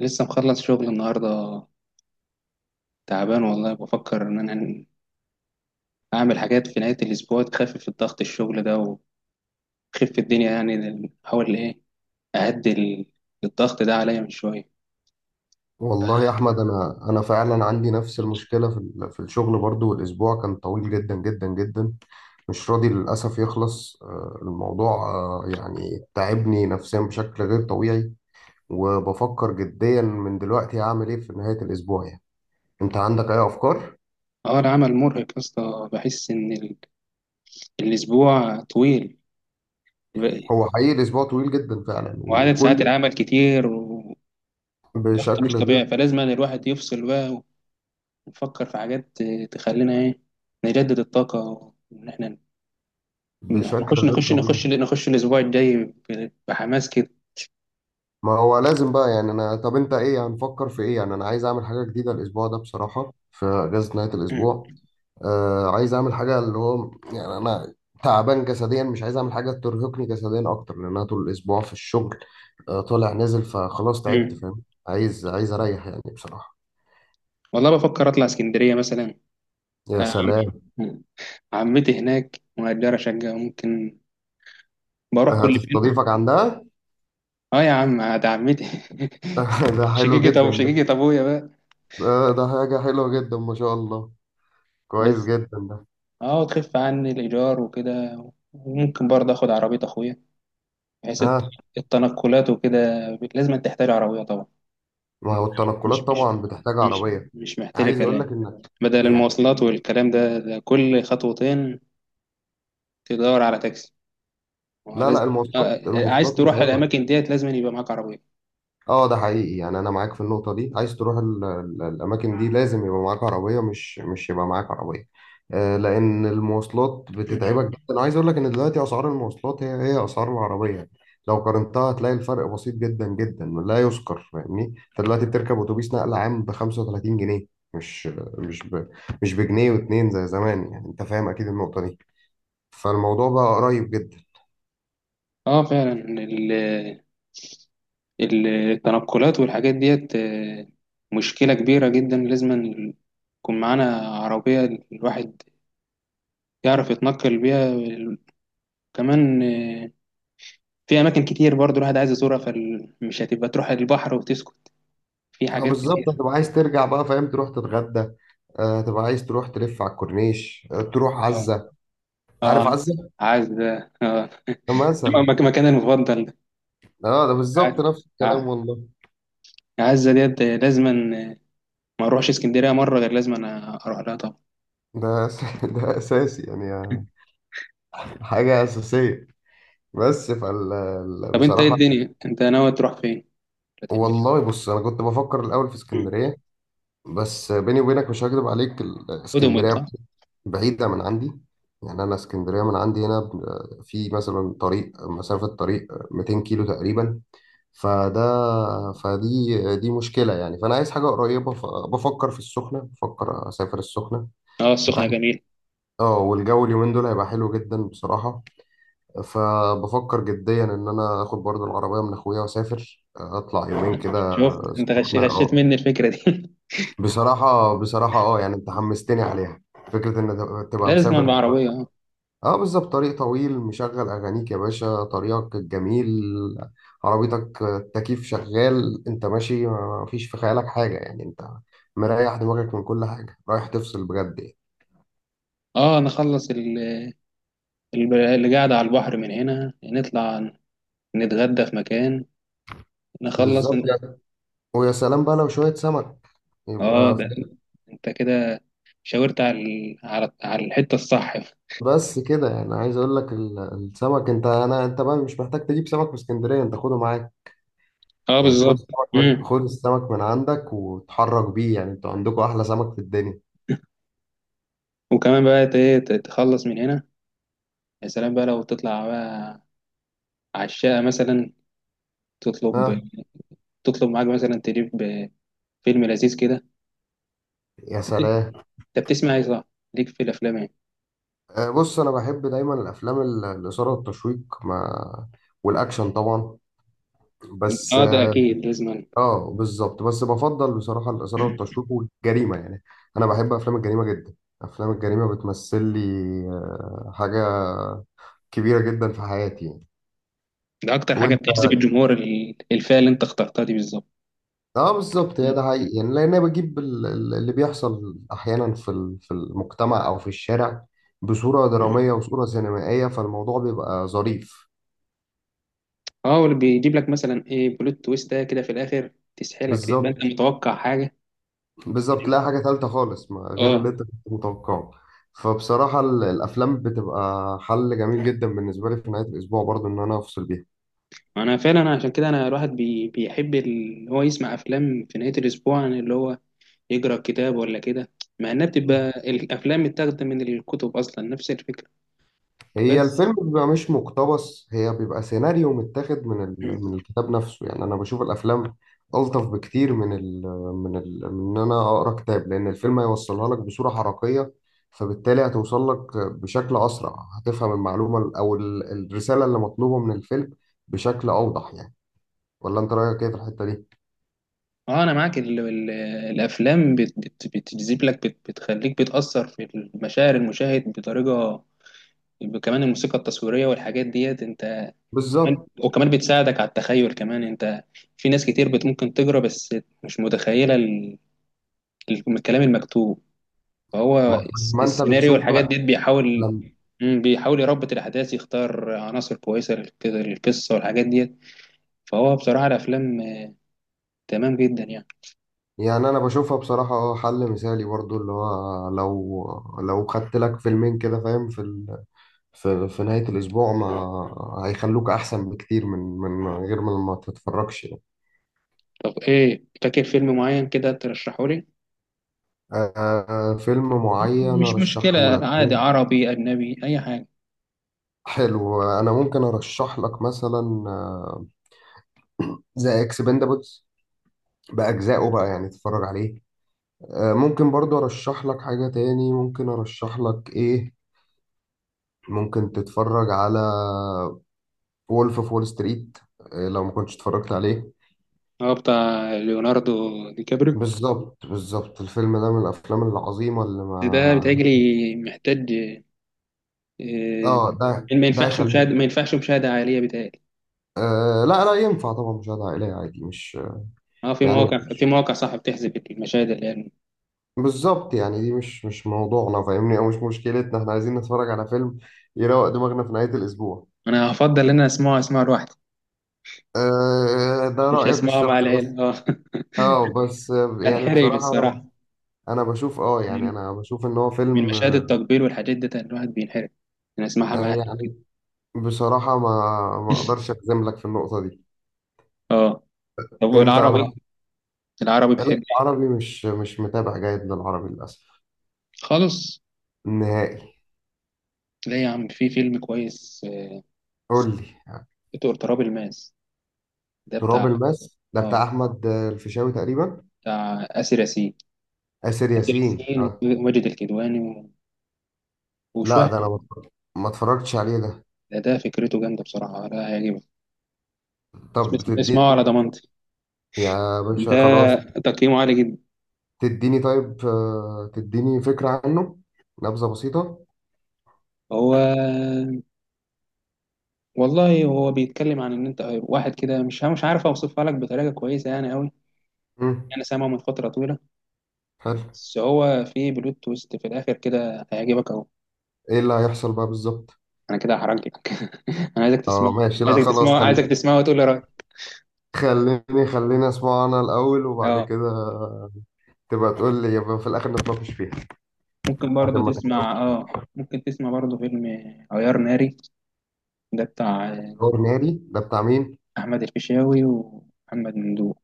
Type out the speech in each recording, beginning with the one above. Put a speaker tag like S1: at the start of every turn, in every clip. S1: لسه مخلص شغل النهاردة. تعبان والله، بفكر إن أنا أعمل حاجات في نهاية الأسبوع تخفف الضغط الشغل ده وتخف الدنيا، يعني أحاول أهدي الضغط ده عليا من شوية.
S2: والله يا احمد، انا فعلا عندي نفس المشكله في الشغل برضو، والاسبوع كان طويل جدا جدا جدا. مش راضي للاسف يخلص، الموضوع يعني تعبني نفسيا بشكل غير طبيعي. وبفكر جديا من دلوقتي هعمل ايه في نهايه الاسبوع. يعني انت عندك اي افكار؟
S1: أه، العمل مرهق يا اسطى، بحس إن الأسبوع طويل، ب-
S2: هو حقيقي الاسبوع طويل جدا فعلا
S1: وعدد ساعات
S2: وكل
S1: العمل كتير وضغط مش
S2: بشكل غير
S1: طبيعي، فلازم أن الواحد يفصل بقى ويفكر في حاجات تخلينا إيه، نجدد الطاقة، وإن إحنا
S2: بشكل
S1: نخش
S2: غير
S1: نخش
S2: طبيعي.
S1: نخش نخش الأسبوع الجاي بحماس كده.
S2: ما هو لازم بقى يعني. انا طب انت ايه هنفكر في ايه؟ يعني انا عايز اعمل حاجه جديده الاسبوع ده بصراحه، في اجازه نهايه الاسبوع. عايز اعمل حاجه اللي هو يعني انا تعبان جسديا، مش عايز اعمل حاجه ترهقني جسديا اكتر لان انا طول الاسبوع في الشغل. طالع نازل، فخلاص تعبت
S1: مم.
S2: فاهم. عايز اريح يعني بصراحه.
S1: والله بفكر اطلع اسكندريه مثلا.
S2: يا
S1: آه،
S2: سلام،
S1: عمتي هناك مؤجره شقه، ممكن بروح كل فين.
S2: هتستضيفك عندها؟
S1: اه يا عم، ده عمتي
S2: ده حلو
S1: شقيقة
S2: جدا ده.
S1: شقيقة ابويا بقى.
S2: ده حاجه حلوه جدا ما شاء الله. كويس
S1: بس
S2: جدا ده.
S1: اه، وتخف عني الايجار وكده، وممكن برضه اخد عربيه اخويا، بحيث
S2: ها.
S1: التنقلات وكده لازم تحتاج عربيه طبعا.
S2: ما هو التنقلات
S1: مش مش
S2: طبعا بتحتاج
S1: مش
S2: عربيه.
S1: مش محتاجه
S2: عايز اقول لك
S1: كلام،
S2: انك
S1: بدل
S2: يعني،
S1: المواصلات والكلام ده، ده كل خطوتين تدور على تاكسي، ما هو
S2: لا لا،
S1: لازم.
S2: المواصلات
S1: عايز
S2: المواصلات
S1: تروح على
S2: متعبه.
S1: الاماكن ديت، لازم يبقى معاك عربيه.
S2: اه، ده حقيقي يعني. انا معاك في النقطه دي، عايز تروح الاماكن دي لازم يبقى معاك عربيه، مش يبقى معاك عربيه. لان المواصلات بتتعبك جدا. انا عايز اقول لك ان دلوقتي اسعار المواصلات هي اسعار العربيه يعني. لو قارنتها هتلاقي الفرق بسيط جدا جدا لا يذكر. فاهمني، انت دلوقتي بتركب اتوبيس نقل عام ب 35 جنيه، مش مش ب... مش بجنيه واتنين زي زمان، يعني انت فاهم اكيد النقطه دي. فالموضوع بقى قريب جدا.
S1: اه فعلا، ال- التنقلات والحاجات ديت آه، مشكله كبيره جدا. لازم يكون معانا عربيه الواحد يعرف يتنقل بيها. كمان آه، في اماكن كتير برضو الواحد عايز يزورها، فمش هتبقى تروح البحر وتسكت، في
S2: اه
S1: حاجات
S2: بالظبط،
S1: كتير.
S2: هتبقى عايز ترجع بقى فاهم، تروح تتغدى. هتبقى عايز تروح تلف على الكورنيش، تروح
S1: اه.
S2: عزة.
S1: اه
S2: عارف
S1: عايز،
S2: عزة؟
S1: عايز ده اه،
S2: مثلا.
S1: مكان المفضل ده.
S2: اه، ده
S1: عايز-
S2: بالظبط نفس
S1: آه،
S2: الكلام
S1: عايز-
S2: والله.
S1: عايزة ديت لازما آه، ما اروحش اسكندريه مره غير لازم انا اروح لها طبعا.
S2: ده اساسي يعني، حاجة أساسية.
S1: طب انت ايه
S2: بصراحة.
S1: الدنيا، انت ناوي تروح فين ولا تعمل
S2: والله
S1: ايه؟
S2: بص، أنا كنت بفكر الأول في
S1: مم.
S2: اسكندرية، بس بيني وبينك مش هكذب عليك،
S1: ودومت
S2: اسكندرية
S1: صح.
S2: بعيدة من عندي. يعني أنا اسكندرية من عندي هنا في مثلا طريق، مسافة طريق 200 كيلو تقريبا. فده فدي دي مشكلة يعني. فأنا عايز حاجة قريبة، فبفكر في السخنة، بفكر أسافر السخنة.
S1: اه
S2: أنت
S1: السخنه
S2: عارف.
S1: جميل.
S2: أه، والجو اليومين دول هيبقى حلو جدا بصراحة. فبفكر جديا إن أنا آخد برضو العربية من أخويا وأسافر، أطلع يومين كده.
S1: شفت انت
S2: السخنة
S1: غشيت
S2: أه.
S1: مني الفكره دي
S2: بصراحة بصراحة، أه يعني أنت حمستني عليها، فكرة إن تبقى
S1: لازم
S2: مسافر.
S1: بعربيه اه.
S2: اه بالظبط، طريق طويل، مشغل اغانيك يا باشا، طريقك الجميل، عربيتك التكييف شغال، انت ماشي ما فيش في خيالك حاجه يعني، انت مريح دماغك من كل حاجه، رايح تفصل بجد يعني.
S1: اه، نخلص اللي قاعده على البحر، من هنا نطلع نتغدى في مكان، نخلص
S2: بالظبط يعني. ويا سلام بقى لو شويه سمك،
S1: اه
S2: يبقى
S1: ده، انت كده شاورت على على الحته الصح.
S2: بس كده يعني. عايز اقول لك السمك، انت بقى مش محتاج تجيب سمك من اسكندريه، انت خده معاك.
S1: اه
S2: يعني
S1: بالظبط. مم.
S2: خد السمك من عندك وتحرك بيه، يعني انتوا عندكم احلى سمك في الدنيا.
S1: وكمان بقى تخلص من هنا. يا سلام بقى لو تطلع بقى على الشقه مثلا، تطلب،
S2: ها،
S1: تطلب معاك مثلا، تجيب فيلم لذيذ كده.
S2: يا
S1: انت بت-
S2: سلام.
S1: أنت بتسمع ايه صح؟ ليك في الافلام يعني.
S2: بص انا بحب دايما الافلام الاثاره والتشويق ما والاكشن طبعا. بس
S1: اه ده
S2: اه
S1: اكيد لازم.
S2: آه، بالظبط، بس بفضل بصراحه الاثاره والتشويق والجريمه يعني. انا بحب افلام الجريمه جدا. افلام الجريمه بتمثل لي حاجه كبيره جدا في حياتي يعني.
S1: ده اكتر حاجه
S2: وانت.
S1: بتجذب الجمهور الفئه اللي انت اخترتها دي بالظبط.
S2: اه بالظبط، هي ده حقيقي يعني. لان انا بجيب اللي بيحصل احيانا في المجتمع او في الشارع بصوره دراميه وصوره سينمائيه، فالموضوع بيبقى ظريف.
S1: اه واللي بيجيب لك مثلا ايه، بلوت تويست ده كده في الاخر، تسحلك، تبقى انت
S2: بالظبط
S1: متوقع حاجه.
S2: بالظبط، لا حاجة تالتة خالص ما غير اللي
S1: اه
S2: انت كنت متوقعه. فبصراحة الأفلام بتبقى حل جميل جدا بالنسبة لي في نهاية الأسبوع برضو إن أنا أفصل بيها.
S1: انا فعلا، عشان كده انا الواحد بيحب اللي هو يسمع افلام في نهايه الاسبوع عن اللي هو يقرا كتاب ولا كده، مع انها بتبقى
S2: مم.
S1: الافلام متاخده من الكتب اصلا نفس الفكره.
S2: هي الفيلم
S1: بس
S2: بيبقى مش مقتبس، هي بيبقى سيناريو متاخد من الكتاب نفسه. يعني أنا بشوف الأفلام ألطف بكتير من إن أنا أقرأ كتاب، لأن الفيلم هيوصلها لك بصورة حركية، فبالتالي هتوصل لك بشكل أسرع، هتفهم المعلومة أو الرسالة اللي مطلوبة من الفيلم بشكل أوضح يعني. ولا انت رايك ايه في الحته دي؟
S1: اه، انا معاك، ال ال الافلام بت بت بتجذب لك، بتخليك بتاثر في المشاعر المشاهد بطريقه، كمان الموسيقى التصويريه والحاجات ديت انت، كمان
S2: بالظبط.
S1: وكمان بتساعدك على التخيل كمان انت، في ناس كتير ممكن تقرا بس مش متخيله الكلام المكتوب، فهو
S2: ما, ما انت
S1: السيناريو
S2: بتشوف
S1: والحاجات
S2: بقى
S1: ديت بيحاول،
S2: لما.
S1: مم، بيحاول يربط الأحداث، يختار عناصر كويسة للقصة والحاجات ديت. فهو بصراحة الأفلام آه، تمام جدا يعني.
S2: يعني انا بشوفها بصراحه، اه، حل مثالي برضو اللي هو، لو خدت لك فيلمين كده فاهم في ال... في في نهايه الاسبوع، ما هيخلوك احسن بكتير من غير ما تتفرجش يعني.
S1: طب إيه، فاكر فيلم معين كده ترشحه لي؟
S2: فيلم معين
S1: مش مشكلة،
S2: ارشحه لك؟
S1: عادي عربي أجنبي أي حاجة.
S2: حلو، انا ممكن ارشح لك مثلا ذا اكسبندبلز، باجزائه بقى يعني تتفرج عليه. ممكن برضو ارشح لك حاجة تاني. ممكن ارشح لك ايه ممكن تتفرج على وولف اوف وول ستريت، لو ما كنتش اتفرجت عليه.
S1: هو بتاع ليوناردو دي كابريو.
S2: بالظبط بالظبط، الفيلم ده من الافلام العظيمة اللي ما.
S1: ده بيتهيألي محتاج
S2: اه ده
S1: آه، ما
S2: ده
S1: ينفعش
S2: يخلي.
S1: مشاهدة، ما ينفعش مشاهدة عائلية بيتهيألي.
S2: لا لا، ينفع طبعا مشاهدة عائلية عادي، مش
S1: اه، في
S2: يعني.
S1: مواقع، في مواقع صح بتحذف المشاهد اللي يعني.
S2: بالظبط يعني. دي مش موضوعنا فاهمني، او مش مشكلتنا. احنا عايزين نتفرج على فيلم يروق دماغنا في نهاية الاسبوع.
S1: أنا هفضل إن أنا أسمعه، أسمعه لوحدي،
S2: ده
S1: مش
S2: رأيك
S1: أسمعه مع
S2: الشخصي بس.
S1: العيلة اه.
S2: اه بس يعني
S1: هنحرج
S2: بصراحة، انا
S1: بالصراحة،
S2: انا بشوف، اه يعني
S1: من
S2: انا بشوف ان هو
S1: من
S2: فيلم.
S1: مشاهد التقبيل والحاجات دي الواحد بينحرج أنا أسمعها
S2: آه،
S1: معاه
S2: يعني بصراحة ما اقدرش اجزم لك في النقطة دي.
S1: اه طب،
S2: انت على
S1: والعربي
S2: حق.
S1: العربي
S2: لا،
S1: بتحب إيه؟
S2: العربي مش متابع جيد للعربي للاسف،
S1: خالص.
S2: نهائي.
S1: لا يا عم، في فيلم كويس آه،
S2: قول لي.
S1: دكتور تراب الماس. ده بتاع
S2: تراب الماس ده
S1: اه،
S2: بتاع احمد الفيشاوي تقريبا؟
S1: بتاع آسر ياسين.
S2: آسر
S1: آسر
S2: ياسين
S1: ياسين وماجد الكدواني
S2: لا،
S1: وشوية.
S2: ده انا ما اتفرجتش عليه ده.
S1: ده فكرته جامدة بصراحة، ده هيعجبك.
S2: طب بتديني؟
S1: اسمعه على ضمانتي،
S2: يا باشا
S1: ده
S2: خلاص.
S1: تقييمه عالي جدا.
S2: تديني طيب، تديني فكرة عنه، نبذة بسيطة.
S1: هو والله هو بيتكلم عن ان انت واحد كده، مش مش عارف اوصفها لك بطريقة كويسة يعني قوي.
S2: مم.
S1: انا سامعه من فترة طويلة.
S2: حلو.
S1: بس هو في بلوت تويست في الاخر كده هيعجبك اهو.
S2: ايه اللي هيحصل بقى بالظبط؟
S1: انا كده هحرجك انا عايزك تسمعه،
S2: اه ماشي، لا خلاص
S1: عايزك تسمعه وتقول لي رأيك.
S2: خليني خليني اسمعه انا الاول وبعد
S1: اه،
S2: كده تبقى تقول لي، يبقى في الاخر نتناقش فيها
S1: ممكن
S2: عشان
S1: برضه
S2: ما.
S1: تسمع، اه ممكن تسمع برضه فيلم عيار ناري. ده بتاع آه،
S2: تحور ناري ده بتاع مين؟
S1: احمد الفيشاوي ومحمد ممدوح.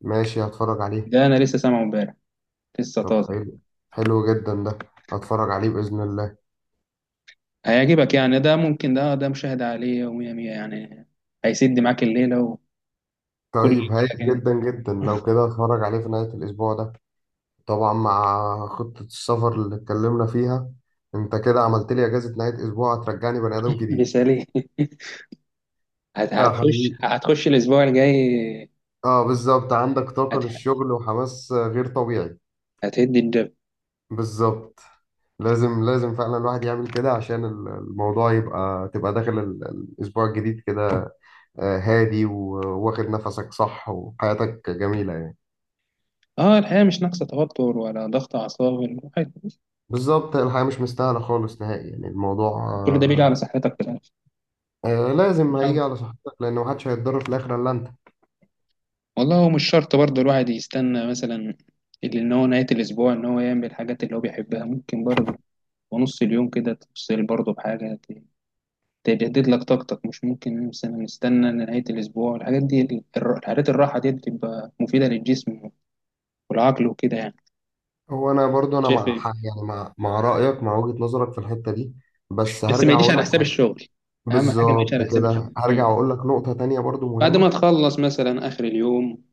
S2: ماشي هتفرج عليه.
S1: ده انا لسه سامعه امبارح، لسه
S2: طب
S1: طازه.
S2: حلو، حلو جدا ده، هتفرج عليه باذن الله.
S1: هيعجبك يعني، ده ممكن، ده مشاهدة عالية ومية مية يعني، هيسد معاك الليلة وكل
S2: طيب هايل
S1: كل كده.
S2: جدا جدا لو كده، هتفرج عليه في نهايه الاسبوع ده طبعا، مع خطه السفر اللي اتكلمنا فيها. انت كده عملت لي اجازه نهايه اسبوع هترجعني بني ادم جديد.
S1: مثالي،
S2: اه حقيقي.
S1: هتخش الأسبوع الجاي،
S2: اه بالظبط، عندك طاقه
S1: هت-
S2: للشغل وحماس غير طبيعي.
S1: هتهد الدب.
S2: بالظبط. لازم لازم فعلا الواحد يعمل كده، عشان الموضوع تبقى داخل الأسبوع الجديد كده، هادي وواخد نفسك صح، وحياتك جميلة يعني.
S1: اه الحقيقة مش ناقصة توتر ولا ضغط أعصاب الواحد،
S2: بالظبط. الحياة مش مستاهلة خالص نهائي يعني، الموضوع.
S1: كل ده بيجي
S2: آه،
S1: على صحتك في
S2: لازم
S1: الآخر.
S2: هيجي على صحتك، لأن محدش هيتضرر في الآخر إلا أنت.
S1: والله هو مش شرط برضه الواحد يستنى مثلا اللي ان هو نهاية الأسبوع إن هو يعمل الحاجات اللي هو بيحبها، ممكن برضه ونص اليوم كده تفصل برضه بحاجة تجدد لك طاقتك. مش ممكن مثلا نستنى نهاية الأسبوع، الحاجات دي الحاجات الراحة دي بتبقى مفيدة للجسم والعقل وكده يعني.
S2: هو أنا برضو، أنا
S1: شايف
S2: مع
S1: إيه؟
S2: حق يعني، مع رأيك، مع وجهة نظرك في الحتة دي. بس
S1: بس ما
S2: هرجع
S1: يجيش
S2: أقول
S1: على
S2: لك
S1: حساب
S2: حاجة.
S1: الشغل، أهم حاجة ما يجيش
S2: بالظبط
S1: على حساب
S2: كده.
S1: الشغل.
S2: هرجع
S1: مم.
S2: أقول لك نقطة تانية برضو
S1: بعد ما
S2: مهمة.
S1: تخلص مثلا آخر اليوم،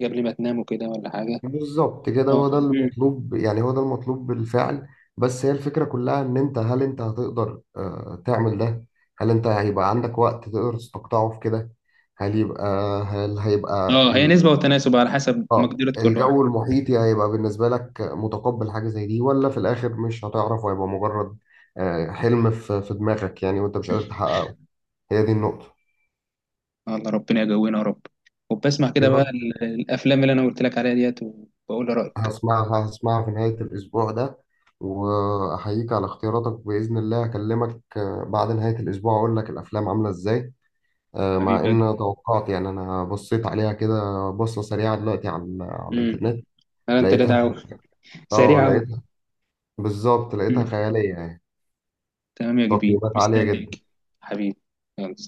S1: قبل ما تنام وكده ولا حاجة.
S2: بالظبط كده،
S1: اه.
S2: هو ده
S1: مم.
S2: المطلوب يعني، هو ده المطلوب بالفعل. بس هي الفكرة كلها، ان انت هل انت هتقدر تعمل ده؟ هل انت هيبقى عندك وقت تقدر تستقطعه في كده؟ هل يبقى هل هيبقى
S1: اه، هي نسبة وتناسب على حسب
S2: اه،
S1: مقدرة كل واحد.
S2: الجو المحيطي هيبقى بالنسبة لك متقبل حاجة زي دي، ولا في الاخر مش هتعرف وهيبقى مجرد حلم في دماغك يعني، وانت مش قادر تحققه. هي دي النقطة.
S1: الله ربنا يجوينا يا رب. وبسمع كده بقى الافلام اللي انا قلت لك عليها ديت، وبقول لي رايك.
S2: هسمعها هسمعها في نهاية الأسبوع ده، وأحييك على اختياراتك بإذن الله. أكلمك بعد نهاية الأسبوع أقول لك الأفلام عاملة إزاي. مع
S1: حبيبي يا
S2: إن
S1: كبير.
S2: توقعت، يعني أنا بصيت عليها كده، بصة سريعة دلوقتي على
S1: امم.
S2: الإنترنت،
S1: انا انت لا
S2: لقيتها.
S1: دعوه،
S2: أه
S1: سريع قوي.
S2: لقيتها، بالظبط لقيتها خيالية يعني،
S1: تمام يا كبير،
S2: تقييمات عالية
S1: مستنيك.
S2: جدا.
S1: حبيبي، يلا.